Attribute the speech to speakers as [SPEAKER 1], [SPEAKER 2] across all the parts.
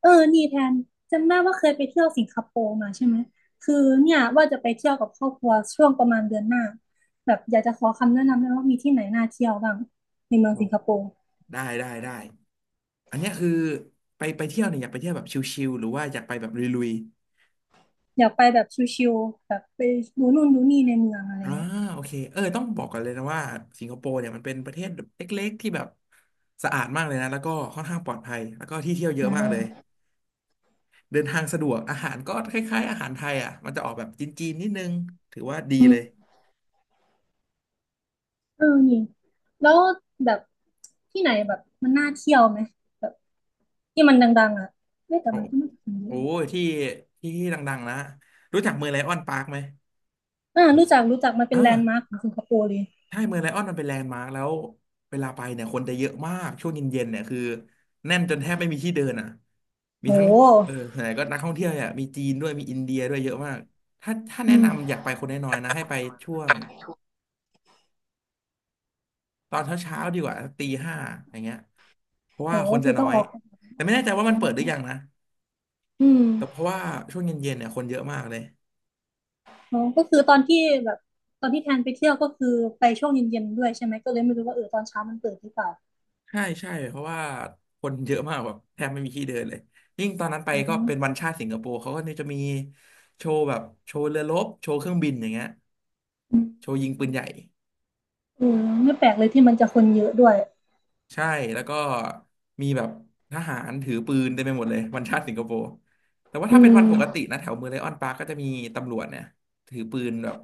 [SPEAKER 1] เออนี่แทนจำได้ว่าเคยไปเที่ยวสิงคโปร์มาใช่ไหมคือเนี่ยว่าจะไปเที่ยวกับครอบครัวช่วงประมาณเดือนหน้าแบบอยากจะขอคำแนะนำด้วยว่ามีที่ไหนน่าเที่ยวบ้างในเมือง
[SPEAKER 2] โอ้
[SPEAKER 1] สิงคโปร์
[SPEAKER 2] ได้ได้ได้อันเนี้ยคือไปเที่ยวเนี่ยอยากไปเที่ยวแบบชิลๆหรือว่าอยากไปแบบลุย
[SPEAKER 1] อยากไปแบบชิลๆแบบไปดูนู่นดูนี่ในเมืองอะไร
[SPEAKER 2] ๆ
[SPEAKER 1] เงี้ย
[SPEAKER 2] โอเคต้องบอกก่อนเลยนะว่าสิงคโปร์เนี่ยมันเป็นประเทศเล็กๆที่แบบสะอาดมากเลยนะแล้วก็ค่อนข้างปลอดภัยแล้วก็ที่เที่ยวเยอะ
[SPEAKER 1] อ่
[SPEAKER 2] มากเลย
[SPEAKER 1] า
[SPEAKER 2] เดินทางสะดวกอาหารก็คล้ายๆอาหารไทยอ่ะมันจะออกแบบจีนๆนิดนึงถือว่าดี
[SPEAKER 1] อื
[SPEAKER 2] เล
[SPEAKER 1] ม
[SPEAKER 2] ย
[SPEAKER 1] เออนี่แล้วแบบที่ไหนแบบมันน่าเที่ยวไหมแบบที่มันดังๆอ่ะเอ้แต่
[SPEAKER 2] โอ้
[SPEAKER 1] มันก็ไม่ถึงเย
[SPEAKER 2] โอ้
[SPEAKER 1] อะ
[SPEAKER 2] ยที่ดังๆนะรู้จักเมืองไลออนปาร์คไหม
[SPEAKER 1] อ่ารู้จักรู้จักมัน
[SPEAKER 2] เอ
[SPEAKER 1] เป็
[SPEAKER 2] อ
[SPEAKER 1] นแลนด์มาร์คของสิงคโปร์เลย
[SPEAKER 2] ใช่เมืองไลออนมันเป็นแลนด์มาร์คแล้วเวลาไปเนี่ยคนจะเยอะมากช่วงเย็นๆเนี่ยคือแน่นจนแทบไม่มีที่เดินอ่ะมีทั้งเอ
[SPEAKER 1] โห
[SPEAKER 2] อส่วนใหญ่ก็นักท่องเที่ยวเนี่ยมีจีนด้วยมีอินเดียด้วยเยอะมากถ้าแนะ
[SPEAKER 1] อืม
[SPEAKER 2] นำอยากไปคนน้อยๆนะให้ไปช่วงตอนเช้าๆดีกว่าตีห้าอย่างเงี้ยเพราะ
[SPEAKER 1] โห
[SPEAKER 2] ว่าคนจะ
[SPEAKER 1] คือ
[SPEAKER 2] น้
[SPEAKER 1] ต้อ
[SPEAKER 2] อ
[SPEAKER 1] ง
[SPEAKER 2] ย
[SPEAKER 1] ออก
[SPEAKER 2] แต่ไม่แน่ใจว่ามันเปิดหรือยังนะ
[SPEAKER 1] อื
[SPEAKER 2] แต่เพ
[SPEAKER 1] ม
[SPEAKER 2] ราะว่าช่วงเย็นๆเนี่ยคนเยอะมากเลย
[SPEAKER 1] อ๋อก็คือตอนที่แบบตอนที่แทนไปเที่ยวก็คือไปช่วงเย็นๆด้วยใช่ไหมก็เลยไม่รู้ว่าเออตอนเช้ามันเปิดหรือเปล่า
[SPEAKER 2] ใช่ใช่เพราะว่าคนเยอะมากแบบแทบไม่มีที่เดินเลยยิ่งตอนนั้นไป
[SPEAKER 1] อ๋
[SPEAKER 2] ก็
[SPEAKER 1] อ
[SPEAKER 2] เป็นวันชาติสิงคโปร์เขาก็เนี่ยจะมีโชว์แบบโชว์เรือรบโชว์เครื่องบินอย่างเงี้ย
[SPEAKER 1] อืม
[SPEAKER 2] โชว์ยิงปืนใหญ่
[SPEAKER 1] เออไม่แปลกเลยที่มันจะคนเยอะด้วย
[SPEAKER 2] ใช่แล้วก็มีแบบทหารถือปืนเต็มไปหมดเลยวันชาติสิงคโปร์แต่ว่าถ้า
[SPEAKER 1] อื
[SPEAKER 2] เป็นวัน
[SPEAKER 1] ม
[SPEAKER 2] ปกตินะแถวเมืองไลออนปาร์กก็จะมีตำรวจเนี่ยถือปืนแบบ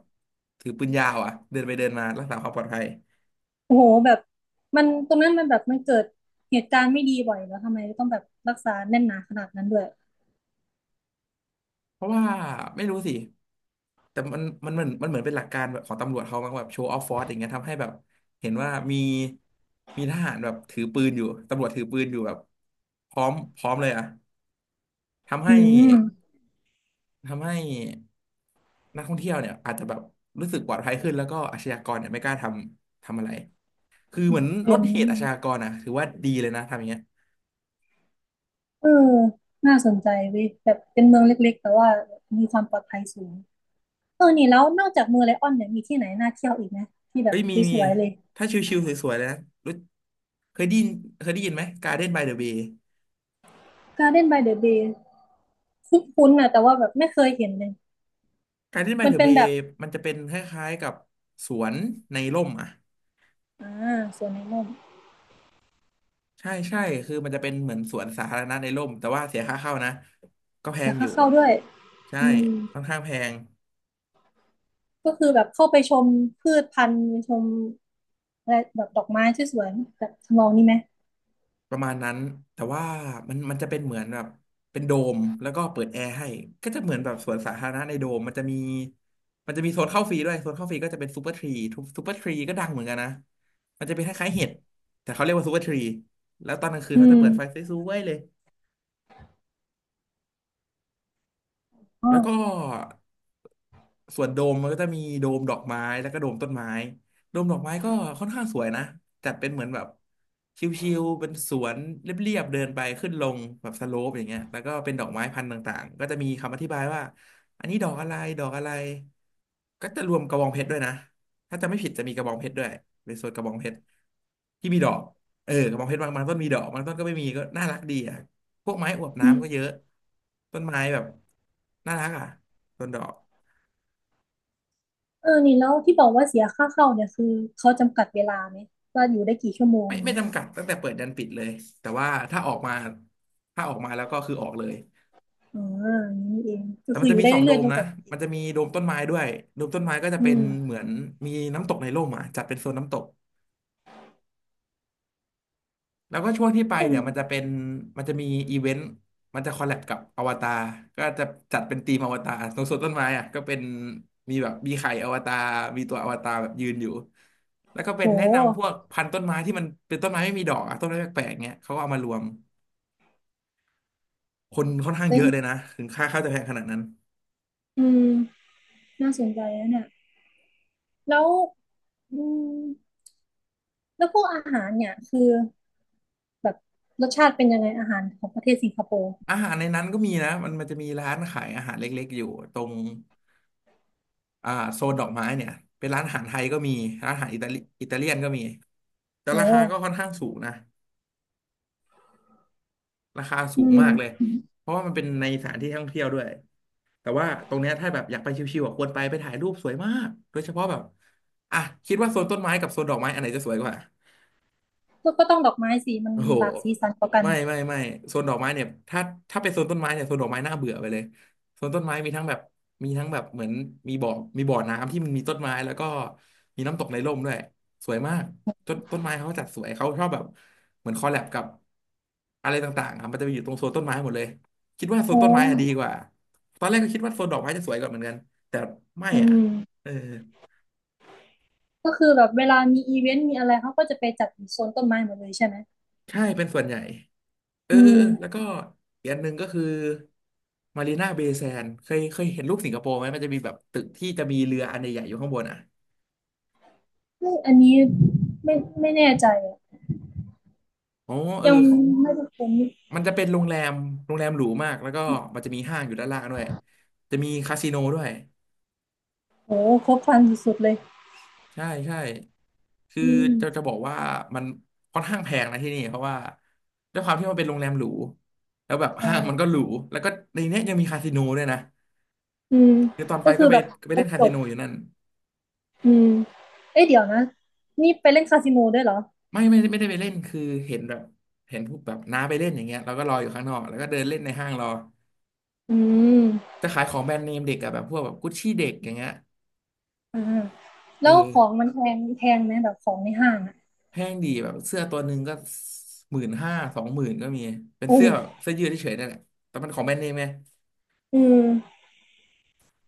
[SPEAKER 2] ถือปืนยาวอ่ะเดินไปเดินมารักษาความปลอดภัย
[SPEAKER 1] โอ้โหแบบมันตรงนั้นมันแบบมันเกิดเหตุการณ์ไม่ดีบ่อยแล้วทำไมต้องแบบรักษาแน่นหนาขนาดนั้นด้วย
[SPEAKER 2] เพราะว่าไม่รู้สิ แต่มันเหมือนเป็นหลักการแบบของตำรวจเขามั้งแบบโชว์ออฟฟอร์สอย่างเงี้ยทำให้แบบเห็นว่ามีทหารแบบถือปืนอยู่ตำรวจถือปืนอยู่แบบพร้อมเลยอะทำให้
[SPEAKER 1] อืม
[SPEAKER 2] ทำให้นักท่องเที่ยวเนี่ยอาจจะแบบรู้สึกปลอดภัยขึ้นแล้วก็อาชญากรเนี่ยไม่กล้าทำอะไรคือ
[SPEAKER 1] อ
[SPEAKER 2] เหมื
[SPEAKER 1] ม
[SPEAKER 2] อน
[SPEAKER 1] อ
[SPEAKER 2] ลด
[SPEAKER 1] ย่าง
[SPEAKER 2] เห
[SPEAKER 1] นี้
[SPEAKER 2] ตุอาชญากรอะถือว่าดีเลยนะทำอย่างเงี้ย
[SPEAKER 1] เออน่าสนใจเว้ยแบบเป็นเมืองเล็กๆแต่ว่ามีความปลอดภัยสูงเออนี่แล้วนอกจากเมืองไลออนเนี่ยมีที่ไหนน่าเที่ยวอีกไหมที่แบ
[SPEAKER 2] เอ้
[SPEAKER 1] บ
[SPEAKER 2] ยมี
[SPEAKER 1] ส
[SPEAKER 2] มี
[SPEAKER 1] วยๆเลย
[SPEAKER 2] ถ้าชิวๆสวยๆเลยนะรู้เคยได้ยินเคยได้ยินไหม Garden by the Bay
[SPEAKER 1] Garden by the Bay คุ้นๆนะแต่ว่าแบบไม่เคยเห็นเลย
[SPEAKER 2] การที่ไม
[SPEAKER 1] มัน
[SPEAKER 2] เดอะ
[SPEAKER 1] เป็
[SPEAKER 2] เบ
[SPEAKER 1] นแบ
[SPEAKER 2] ย์
[SPEAKER 1] บ
[SPEAKER 2] มันจะเป็นคล้ายๆกับสวนในร่มอ่ะ
[SPEAKER 1] อ่าสวนในร่ม
[SPEAKER 2] ใช่ใช่คือมันจะเป็นเหมือนสวนสาธารณะในร่มแต่ว่าเสียค่าเข้านะก็แพ
[SPEAKER 1] เดี๋ย
[SPEAKER 2] ง
[SPEAKER 1] ว
[SPEAKER 2] อ
[SPEAKER 1] ค่า
[SPEAKER 2] ยู่
[SPEAKER 1] เข้าด้วย
[SPEAKER 2] ใช่
[SPEAKER 1] อืม
[SPEAKER 2] ค่อนข้างแพง
[SPEAKER 1] ก็คือแบบเข้าไปชมพืชพันธุ์ชมอะไรแบบดอกไม้ที่สวนแบบทำนองนี้ไหม
[SPEAKER 2] ประมาณนั้นแต่ว่ามันจะเป็นเหมือนแบบเป็นโดมแล้วก็เปิดแอร์ให้ก็จะเหมือนแบบสวนสาธารณะในโดมมันจะมีโซนเข้าฟรีด้วยโซนเข้าฟรีก็จะเป็นซูเปอร์ทรีทุกซูเปอร์ทรีก็ดังเหมือนกันนะมันจะเป็นคล้ายๆเห็ดแต่เขาเรียกว่าซูเปอร์ทรีแล้วตอนกลางคืน
[SPEAKER 1] อื
[SPEAKER 2] เขาจะ
[SPEAKER 1] ม
[SPEAKER 2] เปิดไฟสวยๆเลย
[SPEAKER 1] อ๋
[SPEAKER 2] แล้วก็
[SPEAKER 1] อ
[SPEAKER 2] ส่วนโดมมันก็จะมีโดมดอกไม้แล้วก็โดมต้นไม้โดมดอกไม้ก็ค่อนข้างสวยนะจัดเป็นเหมือนแบบชิวๆเป็นสวนเรียบๆเดินไปขึ้นลงแบบสโลปอย่างเงี้ยแล้วก็เป็นดอกไม้พันธุ์ต่างๆก็จะมีคำอธิบายว่าอันนี้ดอกอะไรก็จะรวมกระบองเพชรด้วยนะถ้าจะไม่ผิดจะมีกระบองเพชรด้วยเป็นโซนกระบองเพชรที่มีดอกเออกระบองเพชรบางต้นมีดอกบางต้นก็ไม่มีก็น่ารักดีอ่ะ พวกไม้อวบ
[SPEAKER 1] อืม
[SPEAKER 2] น้ำก็เยอะต้นไม้แบบน่ารักอ่ะต้นดอก
[SPEAKER 1] เออนี่แล้วที่บอกว่าเสียค่าเข้าเนี่ยคือเขาจำกัดเวลาไหมว่าอยู่ได้กี่ชั่วโมง
[SPEAKER 2] ไม่
[SPEAKER 1] อย่าง
[SPEAKER 2] ไม่
[SPEAKER 1] เงี้ย
[SPEAKER 2] จำกัดตั้งแต่เปิดยันปิดเลยแต่ว่าถ้าออกมาแล้วก็คือออกเลย
[SPEAKER 1] อ๋ออย่างนี้นี่เองก็
[SPEAKER 2] แต่
[SPEAKER 1] คื
[SPEAKER 2] มัน
[SPEAKER 1] ออ
[SPEAKER 2] จะ
[SPEAKER 1] ยู่
[SPEAKER 2] มี
[SPEAKER 1] ได้
[SPEAKER 2] สองโด
[SPEAKER 1] เรื่อยๆ
[SPEAKER 2] ม
[SPEAKER 1] จนก
[SPEAKER 2] นะ
[SPEAKER 1] ว่าจะปิด
[SPEAKER 2] มันจะมีโดมต้นไม้ด้วยโดมต้นไม้ก็จะ
[SPEAKER 1] อื
[SPEAKER 2] เป็น
[SPEAKER 1] ม
[SPEAKER 2] เหมือนมีน้ำตกในร่มอ่ะจัดเป็นโซนน้ำตก แล้วก็ช่วงที่ไป
[SPEAKER 1] อื
[SPEAKER 2] เนี่ย
[SPEAKER 1] ม
[SPEAKER 2] มันจะมีอีเวนต์มันจะคอลแลบกับอวตารก็จะจัดเป็นทีมอวตารตรงสวนต้นไม้อ่ะก็เป็นมีแบบมีไข่อวตารมีตัวอวตารแบบยืนอยู่แล้วก็เป็น
[SPEAKER 1] โห
[SPEAKER 2] แนะนำพวกพันธุ์ต้นไม้ที่มันเป็นต้นไม้ไม่มีดอกอะต้นไม้แปลกๆเงี้ยเขาก็เอามารวมคนค่อนข้าง
[SPEAKER 1] เป็
[SPEAKER 2] เย
[SPEAKER 1] น
[SPEAKER 2] อะเลยนะถึงค่าข้าวจะแพงขนาดนั้น
[SPEAKER 1] อืมน่าสนใจนะเนี่ยแล้วอืม แล้วพวกอาหารเนี่ยคือแบบรสชาติเป็นยังไงอาหารของประเทศสิงคโปร์
[SPEAKER 2] อาหารในนั้นก็มีนะมันจะมีร้านขายอาหารเล็กๆอยู่ตรงอ่าโซนดอกไม้เนี่ยเป็นร้านอาหารไทยก็มีร้านอาหารอิตาลีอิตาเลียนก็มีแต่
[SPEAKER 1] โอ้
[SPEAKER 2] ราคาก็ค่อนข้างสูงนะ ราคาสู
[SPEAKER 1] อื
[SPEAKER 2] งมากเลย
[SPEAKER 1] ม
[SPEAKER 2] เพราะว่ามันเป็นในสถานที่ท่องเที่ยวด้วย แต่ว่าตรงเนี้ยถ้าแบบอยากไปชิวๆอ่ะควรไปถ่ายรูปสวยมากโดยเฉพาะแบบ อ่ะคิดว่าโซนต้นไม้กับโซนดอกไม้อันไหนจะสวยกว่า
[SPEAKER 1] ก็ก็ต้องดอกไม้สีมัน
[SPEAKER 2] โอ้โห
[SPEAKER 1] หลากสีสันกว่ากัน
[SPEAKER 2] ไม่ไม่ไม่โซนดอกไม้เนี่ยถ้าเป็นโซนต้นไม้เนี่ยโซนดอกไม้น่าเบื่อไปเลยโซนต้นไม้มีทั้งแบบเหมือนมีบ่อมีบ่อน้ำที่มันมีต้นไม้แล้วก็มีน้ำตกในร่มด้วยสวยมากต้นไม้เขาจัดสวยเขาชอบแบบเหมือนคอลแลบกับอะไรต่างๆอ่ะมันจะไปอยู่ตรงโซนต้นไม้หมดเลยคิดว่าโซน
[SPEAKER 1] โอ้
[SPEAKER 2] ต้นไม้อะดีกว่าตอนแรกก็คิดว่าโซนดอกไม้จะสวยกว่าเหมือนกันแต่ไม่
[SPEAKER 1] อื
[SPEAKER 2] อ่ะ
[SPEAKER 1] ม
[SPEAKER 2] เออ
[SPEAKER 1] ก็คือแบบเวลามีอีเวนต์มีอะไรเขาก็จะไปจัดอยู่โซนต้นไม้หมดเลยใช่ไหม
[SPEAKER 2] ใช่เป็นส่วนใหญ่ เออ
[SPEAKER 1] อื
[SPEAKER 2] เออ
[SPEAKER 1] ม
[SPEAKER 2] เออแล้วก็อีกอันหนึ่งก็คือมารีนาเบย์แซนเคยเห็นรูปสิงคโปร์ไหมมันจะมีแบบตึกที่จะมีเรืออันใหญ่ๆอยู่ข้างบนอ่ะ
[SPEAKER 1] เฮ้ยอันนี้ไม่ไม่แน่ใจอะ
[SPEAKER 2] อ๋อเออ
[SPEAKER 1] ยังไม่ได้ค้น
[SPEAKER 2] มันจะเป็นโรงแรมโรงแรมหรูมากแล้วก็มันจะมีห้างอยู่ด้านล่างด้วยจะมีคาสิโนด้วย
[SPEAKER 1] โอ้ครบครันสุดๆเลย
[SPEAKER 2] ใช่ใช่คือ
[SPEAKER 1] อื
[SPEAKER 2] จะ
[SPEAKER 1] ม
[SPEAKER 2] บอกว่ามันค่อนข้างแพงนะที่นี่เพราะว่าด้วยความที่มันเป็นโรงแรมหรูแล้วแบบห้างมันก็
[SPEAKER 1] ใช่
[SPEAKER 2] หรูแล้วก็ในเนี้ยยังมีคาสิโนด้วยนะ
[SPEAKER 1] อืม
[SPEAKER 2] คือตอนไป
[SPEAKER 1] ก็
[SPEAKER 2] ก็
[SPEAKER 1] คือ
[SPEAKER 2] ไป
[SPEAKER 1] แบบคร
[SPEAKER 2] เล่
[SPEAKER 1] บ
[SPEAKER 2] นคา
[SPEAKER 1] จ
[SPEAKER 2] สิ
[SPEAKER 1] บ
[SPEAKER 2] โนอยู่นั่น
[SPEAKER 1] อืมเอ้ยเดี๋ยวนะนี่ไปเล่นคาสิโนด้วยเหรอ
[SPEAKER 2] ไม่ไม่ไม่ได้ไปเล่นคือเห็นแบบเห็นพวกแบบน้าไปเล่นอย่างเงี้ยเราก็รออยู่ข้างนอกแล้วก็เดินเล่นในห้างรอ
[SPEAKER 1] อืม
[SPEAKER 2] จะขายของแบรนด์เนมเด็กอะแบบพวกแบบกุชชี่เด็กอย่างเงี้ย
[SPEAKER 1] อ่า
[SPEAKER 2] เอ
[SPEAKER 1] แล้ว
[SPEAKER 2] อ
[SPEAKER 1] ของมันแพงแพงไหมแบบของในห้างอ่ะ
[SPEAKER 2] แพงดีแบบเสื้อตัวหนึ่งก็15,000 20,000ก็มีเป็น
[SPEAKER 1] โอื
[SPEAKER 2] เสื้อ
[SPEAKER 1] ม
[SPEAKER 2] แบบเสื้อยืดเฉยๆนั่นแหละแต่มันของแบรนด์เนมไง
[SPEAKER 1] อืม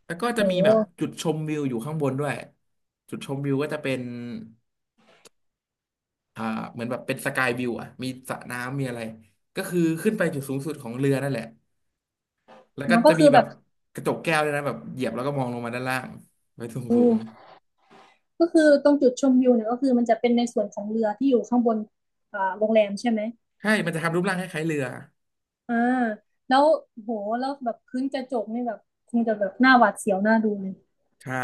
[SPEAKER 2] แล้วก็จะมีแบบ
[SPEAKER 1] โห
[SPEAKER 2] จุดชมวิวอยู่ข้างบนด้วยจุดชมวิวก็จะเป็นอ่าเหมือนแบบเป็นสกายวิวอะมีสระน้ำมีอะไรก็คือขึ้นไปจุดสูงสุดของเรือนั่นแหละ แล้วก็
[SPEAKER 1] แล้วก็
[SPEAKER 2] จะมี
[SPEAKER 1] คือ
[SPEAKER 2] แบ
[SPEAKER 1] แบ
[SPEAKER 2] บ
[SPEAKER 1] บ
[SPEAKER 2] กระจกแก้วด้วยนะแบบเหยียบแล้วก็มองลงมาด้านล่างไปสูง
[SPEAKER 1] อื
[SPEAKER 2] สูง
[SPEAKER 1] มก็คือตรงจุดชมวิวเนี่ยก็คือมันจะเป็นในส่วนของเรือที่อยู่ข้างบนอ่าโรงแรมใช่ไหม
[SPEAKER 2] ใช่มันจะทำรูปร่างคล้ายๆเรือ
[SPEAKER 1] อ่าแล้วโหแล้วแบบพื้นกระจกนี่แบบคงจะแบบหน้าหวาดเสียวหน้าดูเลย
[SPEAKER 2] ใช่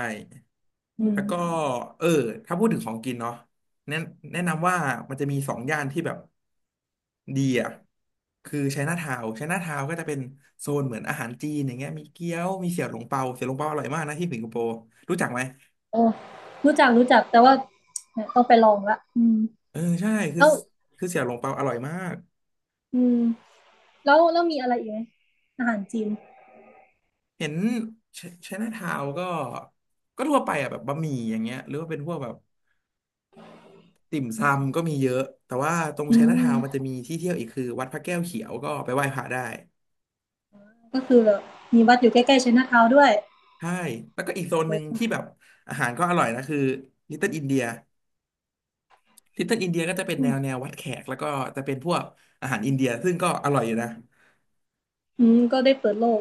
[SPEAKER 1] อืม
[SPEAKER 2] แล้วก็เออถ้าพูดถึงของกินเนาะแนะแนะนำว่ามันจะมีสองย่านที่แบบดีอ่ะคือไชน่าทาวน์ไชน่าทาวน์ก็จะเป็นโซนเหมือนอาหารจีนอย่างเงี้ยมีเกี๊ยวมีเสี่ยวหลงเปาเสี่ยวหลงเปาอร่อยมากนะที่สิงคโปร์รู้จักไหม
[SPEAKER 1] โอ้รู้จักรู้จักแต่ว่าเนี่ยต้องไปลองละ
[SPEAKER 2] เออใช่คือ
[SPEAKER 1] แล้ว
[SPEAKER 2] คือเสี่ยวหลงเปาอร่อยมาก
[SPEAKER 1] อืมแล้วแล้วมีอะไรอีกไหมอาหารจีน
[SPEAKER 2] เห็นไชน่าทาวน์ก็ทั่วไปอ่ะแบบบะหมี่อย่างเงี้ยหรือว่าเป็นพวกแบบ ติ่มซำก็มีเยอะแต่ว่าตรง
[SPEAKER 1] อื
[SPEAKER 2] ไชน่าทาวน์มันจะ
[SPEAKER 1] ม
[SPEAKER 2] มีที่เที่ยวอีกคือวัดพระแก้วเขียวก็ไปไหว้พระได้
[SPEAKER 1] ก็คือแบบมีวัดอยู่ใกล้ๆไชน่าทาวน์ด้วย
[SPEAKER 2] ใช่แล้วก็อีกโซนหนึ่งที่แบบอาหารก็อร่อยนะคือลิตเติ้ลอินเดียลิตเติ้ลอินเดียก็จะเป็นแนววัดแขกแล้วก็จะเป็นพวกอาหารอินเดียซึ่งก็อร่อยอยู่นะ
[SPEAKER 1] ก็ได้เปิดโลก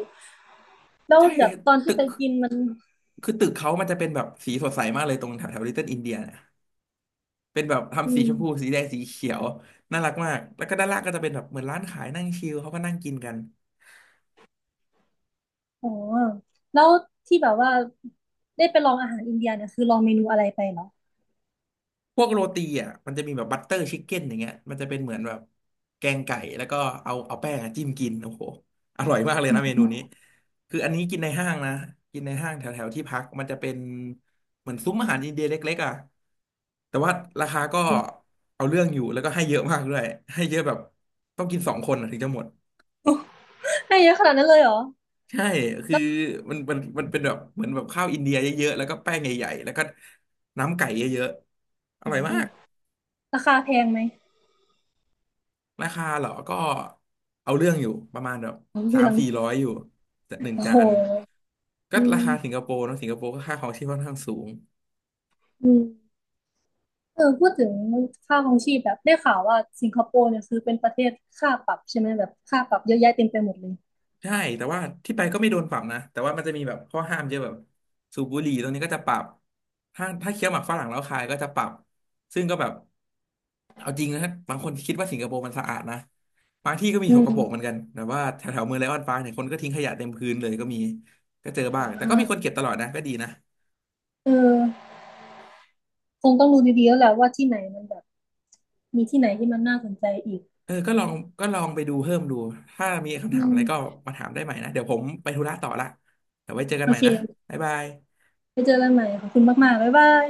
[SPEAKER 1] แล้ว
[SPEAKER 2] ใช่
[SPEAKER 1] แบบตอน
[SPEAKER 2] ตึ
[SPEAKER 1] ที่ไป
[SPEAKER 2] ก
[SPEAKER 1] กินมัน
[SPEAKER 2] คือตึกเขามันจะเป็นแบบสีสดใสมากเลยตรงแถวแถวลิตเติ้ลอินเดียเนี่ยเป็นแบบ
[SPEAKER 1] อื
[SPEAKER 2] ทำสีชมพู
[SPEAKER 1] ม
[SPEAKER 2] สีแดงสีเขียวน่ารักมากแล้วก็ด้านล่างก็จะเป็นแบบเหมือนร้านขายนั่งชิลเขาก็นั่งกินกัน
[SPEAKER 1] อ๋อแล้วที่แบบว่าได้ไปลองอาหารอินเดียเนี่ยคือลองเมนูอะไรไปเหรอ
[SPEAKER 2] พวกโรตีอ่ะมันจะมีแบบบัตเตอร์ชิคเก้นอย่างเงี้ยมันจะเป็นเหมือนแบบแกงไก่แล้วก็เอาแป้งอะจิ้มกินโอ้โหอร่อยมากเลยนะเมนูนี้คืออันนี้กินในห้างนะกินในห้างแถวแถวที่พักมันจะเป็นเหมือนซุ้มอาหารอินเดียเล็กๆอ่ะแต่ว่าราคาก็เอาเรื่องอยู่แล้วก็ให้เยอะมากด้วยให้เยอะแบบต้องกินสองคนอะถึงจะหมด
[SPEAKER 1] ให้เยอะขนาดนั้นเลยเหรอ
[SPEAKER 2] ใช่คือ
[SPEAKER 1] แล้ว
[SPEAKER 2] มันเป็นแบบเหมือนแบบข้าวอินเดียเยอะๆแล้วก็แป้งใหญ่ๆแล้วก็น้ำไก่เยอะๆอ
[SPEAKER 1] อื
[SPEAKER 2] ร่อยมา
[SPEAKER 1] ม
[SPEAKER 2] ก
[SPEAKER 1] ราคาแพงไหม
[SPEAKER 2] ราคาเหรอ ก็เอาเรื่องอยู่ประมาณแบบ
[SPEAKER 1] สอง
[SPEAKER 2] สา
[SPEAKER 1] เดื
[SPEAKER 2] ม
[SPEAKER 1] อน
[SPEAKER 2] สี่ร้อยอยู่จากหนึ่ง
[SPEAKER 1] โอ้
[SPEAKER 2] จา
[SPEAKER 1] โห
[SPEAKER 2] นก็
[SPEAKER 1] อื
[SPEAKER 2] ราคาสิง
[SPEAKER 1] ม
[SPEAKER 2] คโปร์เนอะสิงคโปร์ก็ค่าครองชีพค่อนข้างสูง
[SPEAKER 1] อืมเออพูดถึงค่าครองชีพแบบได้ข่าวว่าสิงคโปร์เนี่ยคือเป็นประเทศค่าปรับใช่ไหมแบบค่าปรับเยอะแยะเต็มไปหมดเลย
[SPEAKER 2] ใช่แต่ว่าที่ไปก็ไม่โดนปรับนะแต่ว่ามันจะมีแบบข้อห้ามเยอะแบบสูบบุหรี่ตรงนี้ก็จะปรับถ้าเคี้ยวหมากฝรั่งแล้วคายก็จะปรับซึ่งก็แบบเอาจริงนะบางคนคิดว่าสิงคโปร์มันสะอาดนะบางที่ก็มี
[SPEAKER 1] อื
[SPEAKER 2] สก
[SPEAKER 1] ม
[SPEAKER 2] ปรกเหมือนกันแต่ว่าแถวแถวเมืองไลออนปาร์คเนี่ยคนก็ทิ้งขยะเต็มพื้นเลยก็มีก็เจอ
[SPEAKER 1] อ
[SPEAKER 2] บ้างแต่ก็มีคน
[SPEAKER 1] ่า
[SPEAKER 2] เก็บตลอดนะก็ดีนะ
[SPEAKER 1] เออคงต้องดูดีๆแล้วแหละว่าที่ไหนมันแบบมีที่ไหนที่มันน่าสนใจอีก
[SPEAKER 2] เออก็ลองก็ลองไปดูเพิ่มดูถ้ามีคำถาม
[SPEAKER 1] อื
[SPEAKER 2] อะไรก็
[SPEAKER 1] ม
[SPEAKER 2] มาถามได้ใหม่นะเดี๋ยวผมไปธุระต่อละเดี๋ยวไว้เจอกัน
[SPEAKER 1] โอ
[SPEAKER 2] ใหม่
[SPEAKER 1] เค
[SPEAKER 2] นะบ๊ายบาย
[SPEAKER 1] ไว้เจอกันใหม่ ขอบคุณมากๆบ๊ายบาย